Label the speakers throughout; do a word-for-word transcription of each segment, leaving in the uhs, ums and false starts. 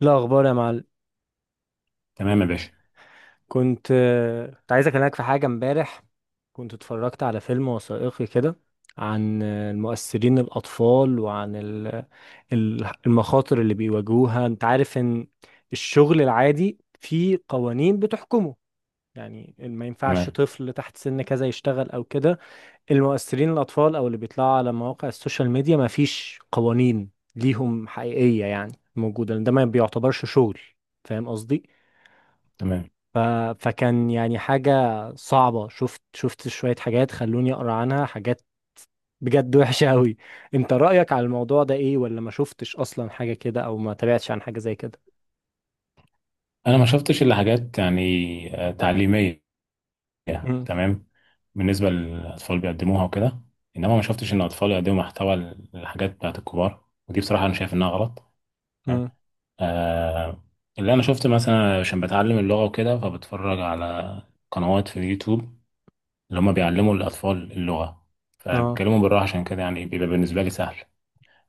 Speaker 1: لا اخبار يا معلم.
Speaker 2: تمام يا باشا.
Speaker 1: كنت كنت عايز اكلمك في حاجه امبارح. كنت اتفرجت على فيلم وثائقي كده عن المؤثرين الاطفال وعن ال- ال- المخاطر اللي بيواجهوها. انت عارف ان الشغل العادي فيه قوانين بتحكمه، يعني ما ينفعش
Speaker 2: تمام،
Speaker 1: طفل تحت سن كذا يشتغل او كده. المؤثرين الاطفال او اللي بيطلعوا على مواقع السوشيال ميديا ما فيش قوانين ليهم حقيقيه، يعني موجوده ده ما بيعتبرش شغل. فاهم قصدي؟
Speaker 2: تمام.
Speaker 1: ف... فكان يعني حاجة صعبة. شفت شفت شوية حاجات خلوني أقرأ عنها حاجات بجد وحشة أوي. أنت رأيك على الموضوع ده إيه؟ ولا ما شفتش أصلا حاجة كده أو ما تابعتش عن حاجة زي كده؟
Speaker 2: انا ما شفتش الا حاجات يعني، آه، تعليميه.
Speaker 1: مم.
Speaker 2: تمام. بالنسبه للاطفال بيقدموها وكده، انما ما شفتش ان الاطفال يقدموا محتوى الحاجات بتاعت الكبار، ودي بصراحه انا شايف انها غلط. تمام.
Speaker 1: مم.
Speaker 2: آه. اللي انا شفت مثلا عشان بتعلم اللغه وكده، فبتفرج على قنوات في اليوتيوب اللي هم بيعلموا الاطفال اللغه،
Speaker 1: اه.
Speaker 2: فبيتكلموا بالراحه، عشان كده يعني بيبقى بالنسبه لي سهل.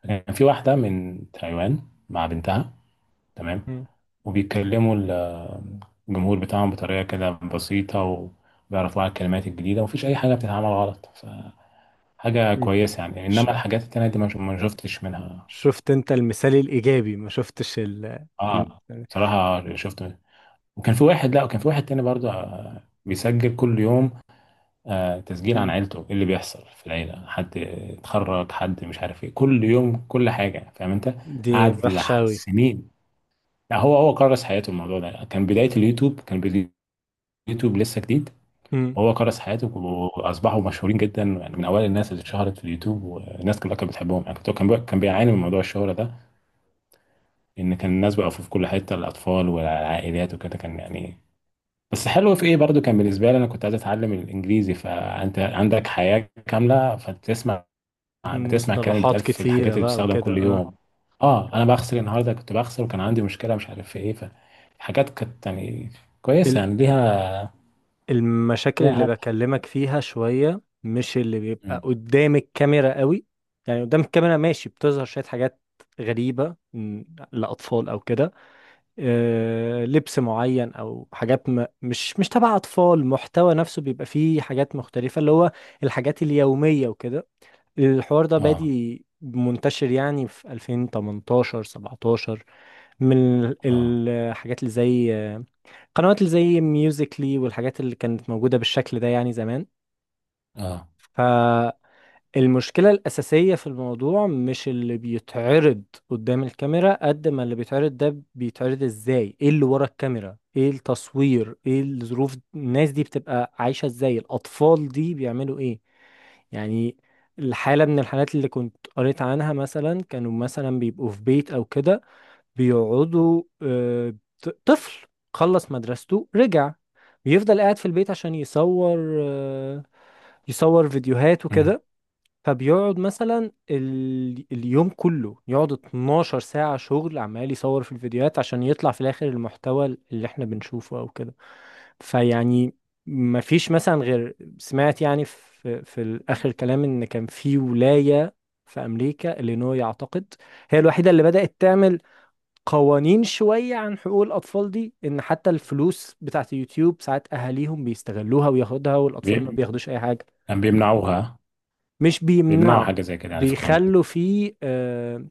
Speaker 2: كان في واحده من تايوان مع بنتها. تمام.
Speaker 1: مم.
Speaker 2: وبيكلموا ال- الجمهور بتاعهم بطريقة كده بسيطة، وبيعرفوا على الكلمات الجديدة، ومفيش أي حاجة بتتعمل غلط، فحاجة
Speaker 1: مم.
Speaker 2: كويسة يعني.
Speaker 1: ش...
Speaker 2: إنما الحاجات التانية دي ما ش- ما شفتش منها.
Speaker 1: شفت أنت المثال الإيجابي، ما شفتش ال... ال...
Speaker 2: آه. بصراحة شفت، وكان في واحد، لا، وكان في واحد تاني برضه، آه، بيسجل كل يوم، آه، تسجيل عن
Speaker 1: مم.
Speaker 2: عيلته، إيه اللي بيحصل في العيلة، حد اتخرج، حد مش عارف ايه، كل يوم كل حاجة، فاهم انت.
Speaker 1: دي
Speaker 2: قعد
Speaker 1: وحشة
Speaker 2: لح-
Speaker 1: أوي.
Speaker 2: سنين. لا، هو هو كرس حياته الموضوع ده. كان بداية اليوتيوب، كان بداية اليوتيوب لسه جديد.
Speaker 1: مم.
Speaker 2: وهو كرس حياته واصبحوا مشهورين جدا، يعني من اوائل الناس اللي اتشهرت في اليوتيوب. والناس كلها كانت بتحبهم يعني، كان بي- كان بيعاني من موضوع الشهرة ده، ان كان الناس بقوا في كل حتة، الاطفال والعائلات وكده كان يعني. بس حلو في ايه برضو، كان بالنسبة لي انا كنت عايز اتعلم الانجليزي، فانت عندك حياة كاملة، فبتسمع بتسمع الكلام اللي
Speaker 1: مصطلحات
Speaker 2: بيتقال في الحاجات
Speaker 1: كتيرة
Speaker 2: اللي
Speaker 1: بقى
Speaker 2: بتستخدم
Speaker 1: وكده،
Speaker 2: كل
Speaker 1: اه.
Speaker 2: يوم. اه، انا بغسل النهارده، كنت بغسل وكان عندي مشكلة مش عارف في ايه، فحاجات كانت يعني كويسة يعني، ليها
Speaker 1: المشاكل
Speaker 2: ليها
Speaker 1: اللي
Speaker 2: هدف.
Speaker 1: بكلمك فيها شوية مش اللي بيبقى
Speaker 2: مم.
Speaker 1: قدام الكاميرا قوي. يعني قدام الكاميرا ماشي، بتظهر شوية حاجات غريبة م، لأطفال أو كده، آه، لبس معين أو حاجات م- مش مش تبع أطفال. محتوى نفسه بيبقى فيه حاجات مختلفة، اللي هو الحاجات اليومية وكده. الحوار ده
Speaker 2: اه،
Speaker 1: بادي منتشر يعني في ألفين وتمنتاشر سبعتاشر، من ال-
Speaker 2: اه،
Speaker 1: الحاجات اللي زي قنوات اللي زي ميوزيكلي والحاجات اللي كانت موجودة بالشكل ده يعني زمان.
Speaker 2: اه.
Speaker 1: فالمشكلة الأساسية في الموضوع مش اللي بيتعرض قدام الكاميرا، قد ما اللي بيتعرض ده بيتعرض ازاي، ايه اللي ورا الكاميرا، ايه التصوير، ايه الظروف، الناس دي بتبقى عايشة ازاي، الأطفال دي بيعملوا ايه. يعني الحالة من الحالات اللي كنت قريت عنها مثلا، كانوا مثلا بيبقوا في بيت أو كده بيقعدوا، آه، ط- طفل خلص مدرسته رجع، بيفضل قاعد في البيت عشان يصور، آه، يصور فيديوهات
Speaker 2: مم.
Speaker 1: وكده. فبيقعد مثلا ال... اليوم كله، يقعد اثنا عشر ساعة شغل عمال يصور في الفيديوهات عشان يطلع في الآخر المحتوى اللي احنا بنشوفه أو كده. فيعني ما فيش مثلا، غير سمعت يعني في في آخر الكلام إن كان في ولاية في أمريكا، إلينوي أعتقد، هي الوحيدة اللي بدأت تعمل قوانين شوية عن حقوق الأطفال دي، إن حتى الفلوس بتاعت يوتيوب ساعات أهاليهم بيستغلوها وياخدها والأطفال ما
Speaker 2: بي-
Speaker 1: بياخدوش أي حاجة.
Speaker 2: يعني بيمنعوها.
Speaker 1: مش
Speaker 2: بيمنعوا
Speaker 1: بيمنعوا،
Speaker 2: حاجة زي كده، يعني في قوانين.
Speaker 1: بيخلوا فيه آه،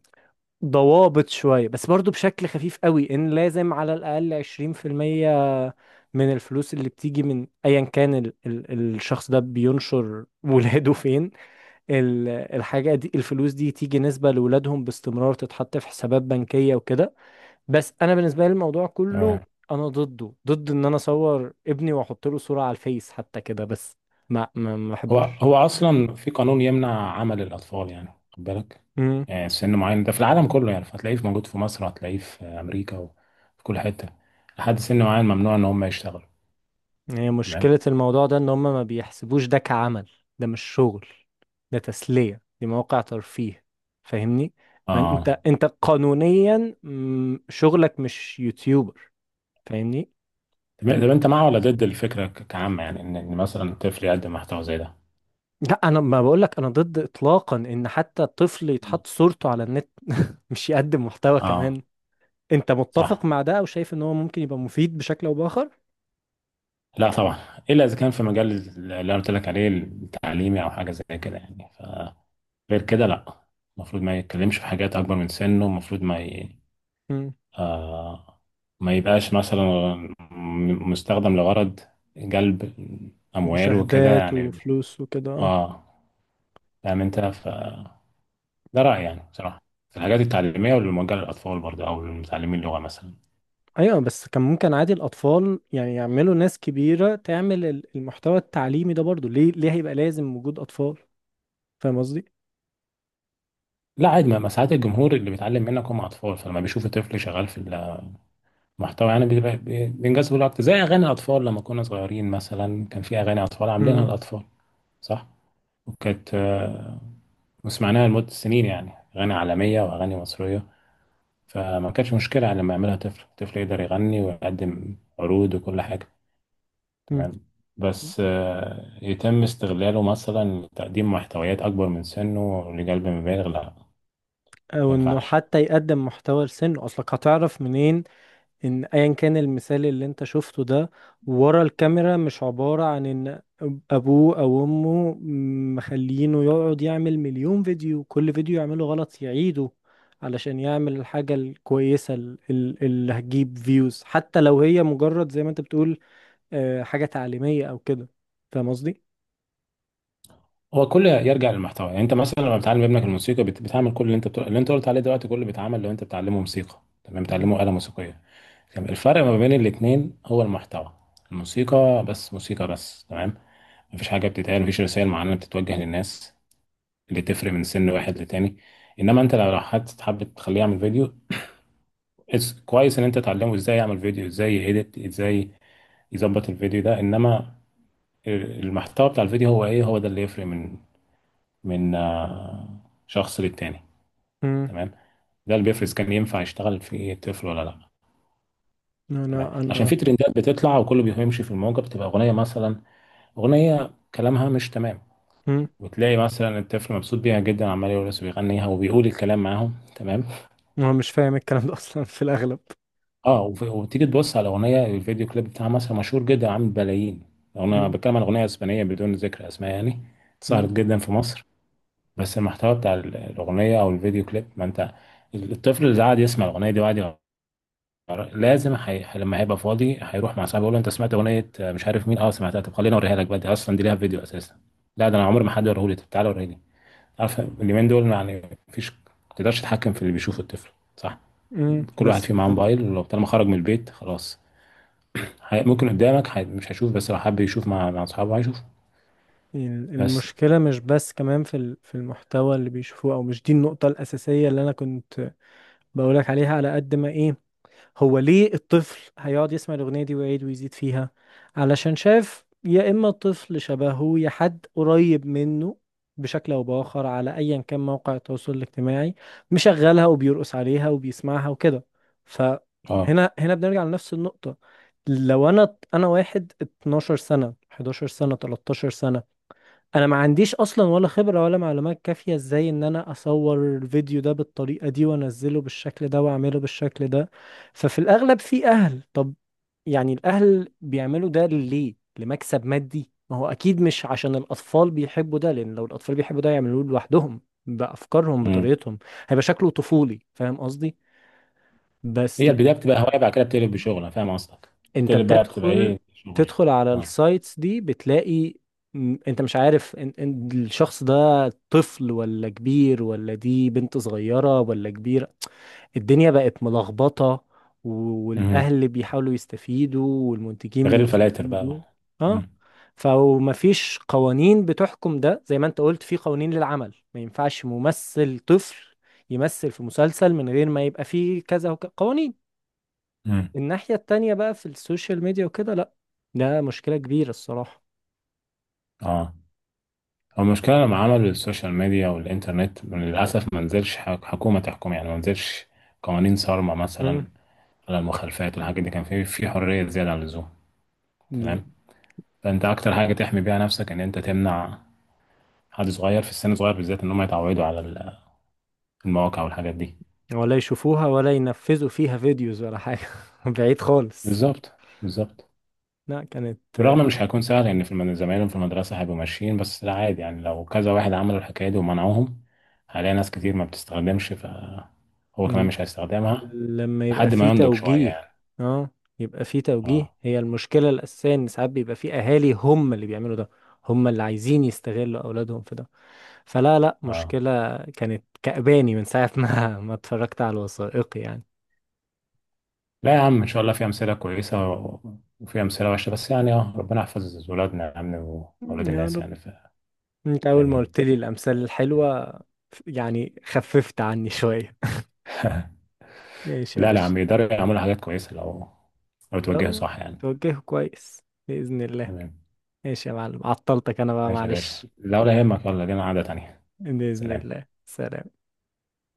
Speaker 1: ضوابط شوية بس برضو بشكل خفيف قوي، إن لازم على الأقل عشرين في المية من الفلوس اللي بتيجي من أيا كان ال ال الشخص ده بينشر ولاده فين، ال- الحاجة دي الفلوس دي تيجي نسبة لولادهم باستمرار تتحط في حسابات بنكية وكده. بس انا بالنسبه لي الموضوع كله
Speaker 2: تمام.
Speaker 1: انا ضده، ضد ان انا اصور ابني واحط له صوره على الفيس حتى كده، بس ما ما ما
Speaker 2: هو
Speaker 1: بحبوش.
Speaker 2: هو أصلا في قانون يمنع عمل الأطفال، يعني خد بالك.
Speaker 1: امم.
Speaker 2: يعني سن معين، ده في العالم كله يعني، فهتلاقيه في- موجود في مصر، هتلاقيه في أمريكا وفي كل حتة، لحد سن معين ممنوع إن هم يشتغلوا.
Speaker 1: هي
Speaker 2: تمام.
Speaker 1: مشكله الموضوع ده ان هم ما بيحسبوش ده كعمل. ده مش شغل، ده تسليه، دي مواقع ترفيه، فاهمني؟ ما انت
Speaker 2: آه.
Speaker 1: انت قانونيا مم، شغلك مش يوتيوبر، فاهمني؟ ده
Speaker 2: تمام. طب
Speaker 1: مش-
Speaker 2: أنت مع ولا ضد الفكرة ك- كعامة؟ يعني إن إن مثلا طفل يقدم محتوى زي ده.
Speaker 1: لا انا ما بقولك انا ضد اطلاقا ان حتى طفل
Speaker 2: مم.
Speaker 1: يتحط صورته على النت، مش يقدم محتوى
Speaker 2: آه.
Speaker 1: كمان. انت متفق
Speaker 2: صح.
Speaker 1: مع ده او شايف ان هو ممكن يبقى مفيد بشكل او باخر؟
Speaker 2: لا طبعا. إلا إذا كان في مجال اللي أنا قلت لك عليه التعليمي، أو حاجة زي كده يعني. غير كده لا. المفروض ما يتكلمش في حاجات اكبر من سنه. المفروض ما ي...
Speaker 1: مم.
Speaker 2: آه... ما يبقاش مثلا م- مستخدم لغرض جلب اموال وكده
Speaker 1: مشاهدات
Speaker 2: يعني.
Speaker 1: وفلوس وكده، اه.
Speaker 2: اه. فاهم انت، ف ده رايي يعني بصراحه، في الحاجات التعليميه واللي موجهه للاطفال برضه، او للمتعلمين اللغه مثلا.
Speaker 1: ايوه بس كان ممكن عادي الاطفال، يعني يعملوا ناس كبيره تعمل ال- المحتوى التعليمي ده برضو، ليه ليه هيبقى لازم وجود اطفال؟ فاهم قصدي؟
Speaker 2: لا عادي، ما ما ساعات الجمهور اللي بيتعلم منك هم اطفال، فلما بيشوف طفل شغال في المحتوى يعني بيبقى بي- بينجذبوا له اكتر، زي اغاني الاطفال. لما كنا صغيرين مثلا، كان في اغاني اطفال عاملينها
Speaker 1: مم.
Speaker 2: الاطفال. صح. وكانت، آه، وسمعناها لمدة سنين يعني، أغاني عالمية وأغاني مصرية. فما كانش مشكلة لما يعملها طفل، طفل يقدر يغني ويقدم عروض وكل حاجة.
Speaker 1: مم.
Speaker 2: تمام. بس آه، يتم استغلاله مثلا لتقديم محتويات أكبر من سنه، لقلب مبالغ، لا ما
Speaker 1: او انه
Speaker 2: ينفعش.
Speaker 1: حتى يقدم محتوى لسنه، اصلك هتعرف منين ان ايا كان المثال اللي انت شفته ده، ورا الكاميرا مش عبارة عن ان ابوه او امه مخلينه يقعد يعمل مليون فيديو، كل فيديو يعمله غلط يعيده علشان يعمل الحاجة الكويسة ال- ال- اللي هتجيب فيوز، حتى لو هي مجرد زي ما انت بتقول آه، حاجة تعليمية او كده. فاهم قصدي؟
Speaker 2: هو كله يرجع للمحتوى، يعني انت مثلا لما بتعلم ابنك الموسيقى، بت- بتعمل كل اللي انت بتقول... اللي انت قلت عليه دلوقتي كله بيتعمل. لو انت بتعلمه موسيقى تمام،
Speaker 1: مم.
Speaker 2: بتعلمه آلة موسيقية، تمام. الفرق ما بين الاتنين هو المحتوى. الموسيقى بس موسيقى بس، تمام. مفيش حاجة بتتقال، مفيش رسائل معينة بتتوجه للناس اللي تفرق من سن واحد لتاني. انما انت لو حد حابب تخليه يعمل فيديو، it's- كويس ان انت تعلمه ازاي يعمل فيديو، ازاي يedit، ازاي يظبط الفيديو ده. انما المحتوى بتاع الفيديو هو ايه، هو ده اللي يفرق من من آه، شخص للتاني.
Speaker 1: مم.
Speaker 2: تمام. ده اللي بيفرز كان ينفع يشتغل في طفل ولا لا. تمام،
Speaker 1: انا
Speaker 2: عشان
Speaker 1: انا
Speaker 2: في ترندات بتطلع وكله بيمشي في الموجة، بتبقى أغنية مثلا، أغنية كلامها مش تمام.
Speaker 1: مم.
Speaker 2: وتلاقي مثلا الطفل مبسوط بيها جدا، عمال يرقص ويغنيها وبيقول الكلام معاهم. تمام.
Speaker 1: انا مش فاهم الكلام ده اصلا في الاغلب.
Speaker 2: اه. وف- وتيجي تبص على اغنيه الفيديو كليب بتاعها، مثلا مشهور جدا، عامل بلايين. انا
Speaker 1: مم.
Speaker 2: بتكلم عن اغنيه اسبانيه بدون ذكر اسماء يعني، اتشهرت
Speaker 1: مم.
Speaker 2: جدا في مصر. بس المحتوى بتاع ال- الاغنيه او الفيديو كليب، ما انت، الطفل اللي قاعد يسمع الاغنيه دي وقاعد، لازم حي... لما هيبقى فاضي، هيروح مع صاحبه يقول له، انت سمعت اغنيه مش عارف مين؟ اه سمعتها. طب خليني اوريها لك بقى، دي اصلا دي ليها فيديو اساسا. لا، ده انا عمري ما حد وريهولي. طب تعالى وريني لي. عارف اليومين دول يعني، مفيش، ما تقدرش تتحكم في اللي بيشوفه الطفل، صح.
Speaker 1: مم.
Speaker 2: كل واحد
Speaker 1: بس
Speaker 2: فيه معاه موبايل، لو طالما خرج من البيت خلاص. هي... ممكن قدامك هي... مش هيشوف، بس لو حب يشوف مع مع اصحابه هيشوف.
Speaker 1: ال-
Speaker 2: بس.
Speaker 1: المشكلة مش بس كمان في ال- في المحتوى اللي بيشوفوه، أو مش دي النقطة الأساسية اللي أنا كنت بقولك عليها على قد ما إيه، هو ليه الطفل هيقعد يسمع الأغنية دي ويعيد ويزيد فيها؟ علشان شاف يا إما طفل شبهه يا حد قريب منه بشكل أو بآخر على أيا كان موقع التواصل الاجتماعي مشغلها وبيرقص عليها وبيسمعها وكده. فهنا
Speaker 2: اه.
Speaker 1: هنا هنا بنرجع لنفس النقطة. لو أنا أنا واحد اتناشر سنة حداشر سنة تلتاشر سنة، انا ما عنديش اصلا ولا خبرة ولا معلومات كافية ازاي ان انا اصور الفيديو ده بالطريقة دي وانزله بالشكل ده واعمله بالشكل ده. ففي الاغلب في اهل، طب يعني الاهل بيعملوا ده ليه؟ لمكسب مادي. ما هو اكيد مش عشان الاطفال بيحبوا ده، لان لو الاطفال بيحبوا ده يعملوه لوحدهم بافكارهم
Speaker 2: امم
Speaker 1: بطريقتهم، هيبقى شكله طفولي. فاهم قصدي؟ بس
Speaker 2: هي البدايه بتبقى
Speaker 1: لا،
Speaker 2: هوايه، بعد كده بتقلب بشغل، انا فاهم قصدك.
Speaker 1: انت
Speaker 2: بتقلب بقى بتبقى
Speaker 1: بتدخل،
Speaker 2: ايه شغل؟
Speaker 1: تدخل على
Speaker 2: اه.
Speaker 1: السايتس دي بتلاقي م- انت مش عارف ان ان الشخص ده طفل ولا كبير، ولا دي بنت صغيرة ولا كبيرة، الدنيا بقت ملخبطة. و-
Speaker 2: امم
Speaker 1: والاهل بيحاولوا يستفيدوا
Speaker 2: ده
Speaker 1: والمنتجين
Speaker 2: غير الفلاتر
Speaker 1: بيستفيدوا.
Speaker 2: بقى.
Speaker 1: اه.
Speaker 2: امم
Speaker 1: فمفيش قوانين بتحكم ده. زي ما انت قلت، في قوانين للعمل، ما ينفعش ممثل طفل يمثل في مسلسل من غير ما يبقى فيه كذا وكذا قوانين.
Speaker 2: امم
Speaker 1: الناحية التانية بقى في السوشيال ميديا وكده لا. ده مشكلة كبيرة الصراحة.
Speaker 2: اه. هو المشكلة لما عملوا السوشيال ميديا والإنترنت للأسف، ما نزلش حك- حكومة تحكم يعني. ما نزلش قوانين صارمة
Speaker 1: امم.
Speaker 2: مثلا على المخالفات والحاجات دي، كان في في حرية زيادة عن اللزوم.
Speaker 1: دي
Speaker 2: تمام. فأنت أكتر حاجة تحمي بيها نفسك إن أنت تمنع حد صغير في السن الصغير بالذات، إن هم يتعودوا على ال- المواقع والحاجات دي.
Speaker 1: ولا يشوفوها ولا ينفذوا فيها فيديوز ولا حاجة بعيد خالص.
Speaker 2: بالظبط، بالظبط.
Speaker 1: لا كانت آه،
Speaker 2: بالرغم مش هيكون سهل يعني، في الم- زمايلهم في المدرسة هيبقوا ماشيين، بس لا عادي يعني، لو كذا واحد عملوا الحكاية دي ومنعوهم، هلاقي ناس كتير ما بتستخدمش فهو كمان
Speaker 1: ل-
Speaker 2: مش هيستخدمها
Speaker 1: لما يبقى
Speaker 2: لحد ما
Speaker 1: في
Speaker 2: ينضج شوية.
Speaker 1: توجيه، اه. يبقى في توجيه،
Speaker 2: اه،
Speaker 1: هي المشكلة الأساسية إن ساعات بيبقى في أهالي هم اللي بيعملوا ده، هم اللي عايزين يستغلوا أولادهم في ده. فلا لا،
Speaker 2: اه.
Speaker 1: مشكلة كانت كأباني من ساعة ما ما اتفرجت على الوثائقي يعني.
Speaker 2: لا يا عم، ان شاء الله في امثله كويسه و- وفي امثله وحشه، بس يعني اه ربنا يحفظ ولادنا يا عم واولاد
Speaker 1: يا
Speaker 2: الناس
Speaker 1: رب.
Speaker 2: يعني ف...
Speaker 1: انت اول ما
Speaker 2: امين.
Speaker 1: قلت لي الامثال الحلوه يعني خففت عني شويه ماشي يا
Speaker 2: لا، لا يا
Speaker 1: باشا.
Speaker 2: عم، يقدروا يعملوا حاجات كويسه لو لو توجهوا
Speaker 1: لو
Speaker 2: صح يعني.
Speaker 1: توجهه كويس، باذن الله.
Speaker 2: تمام.
Speaker 1: ماشي يا معلم، عطلتك انا بقى
Speaker 2: ماشي يا باشا،
Speaker 1: معلش.
Speaker 2: لا ولا يهمك، يلا لينا قعده تانيه.
Speaker 1: باذن
Speaker 2: سلام.
Speaker 1: الله، سلام.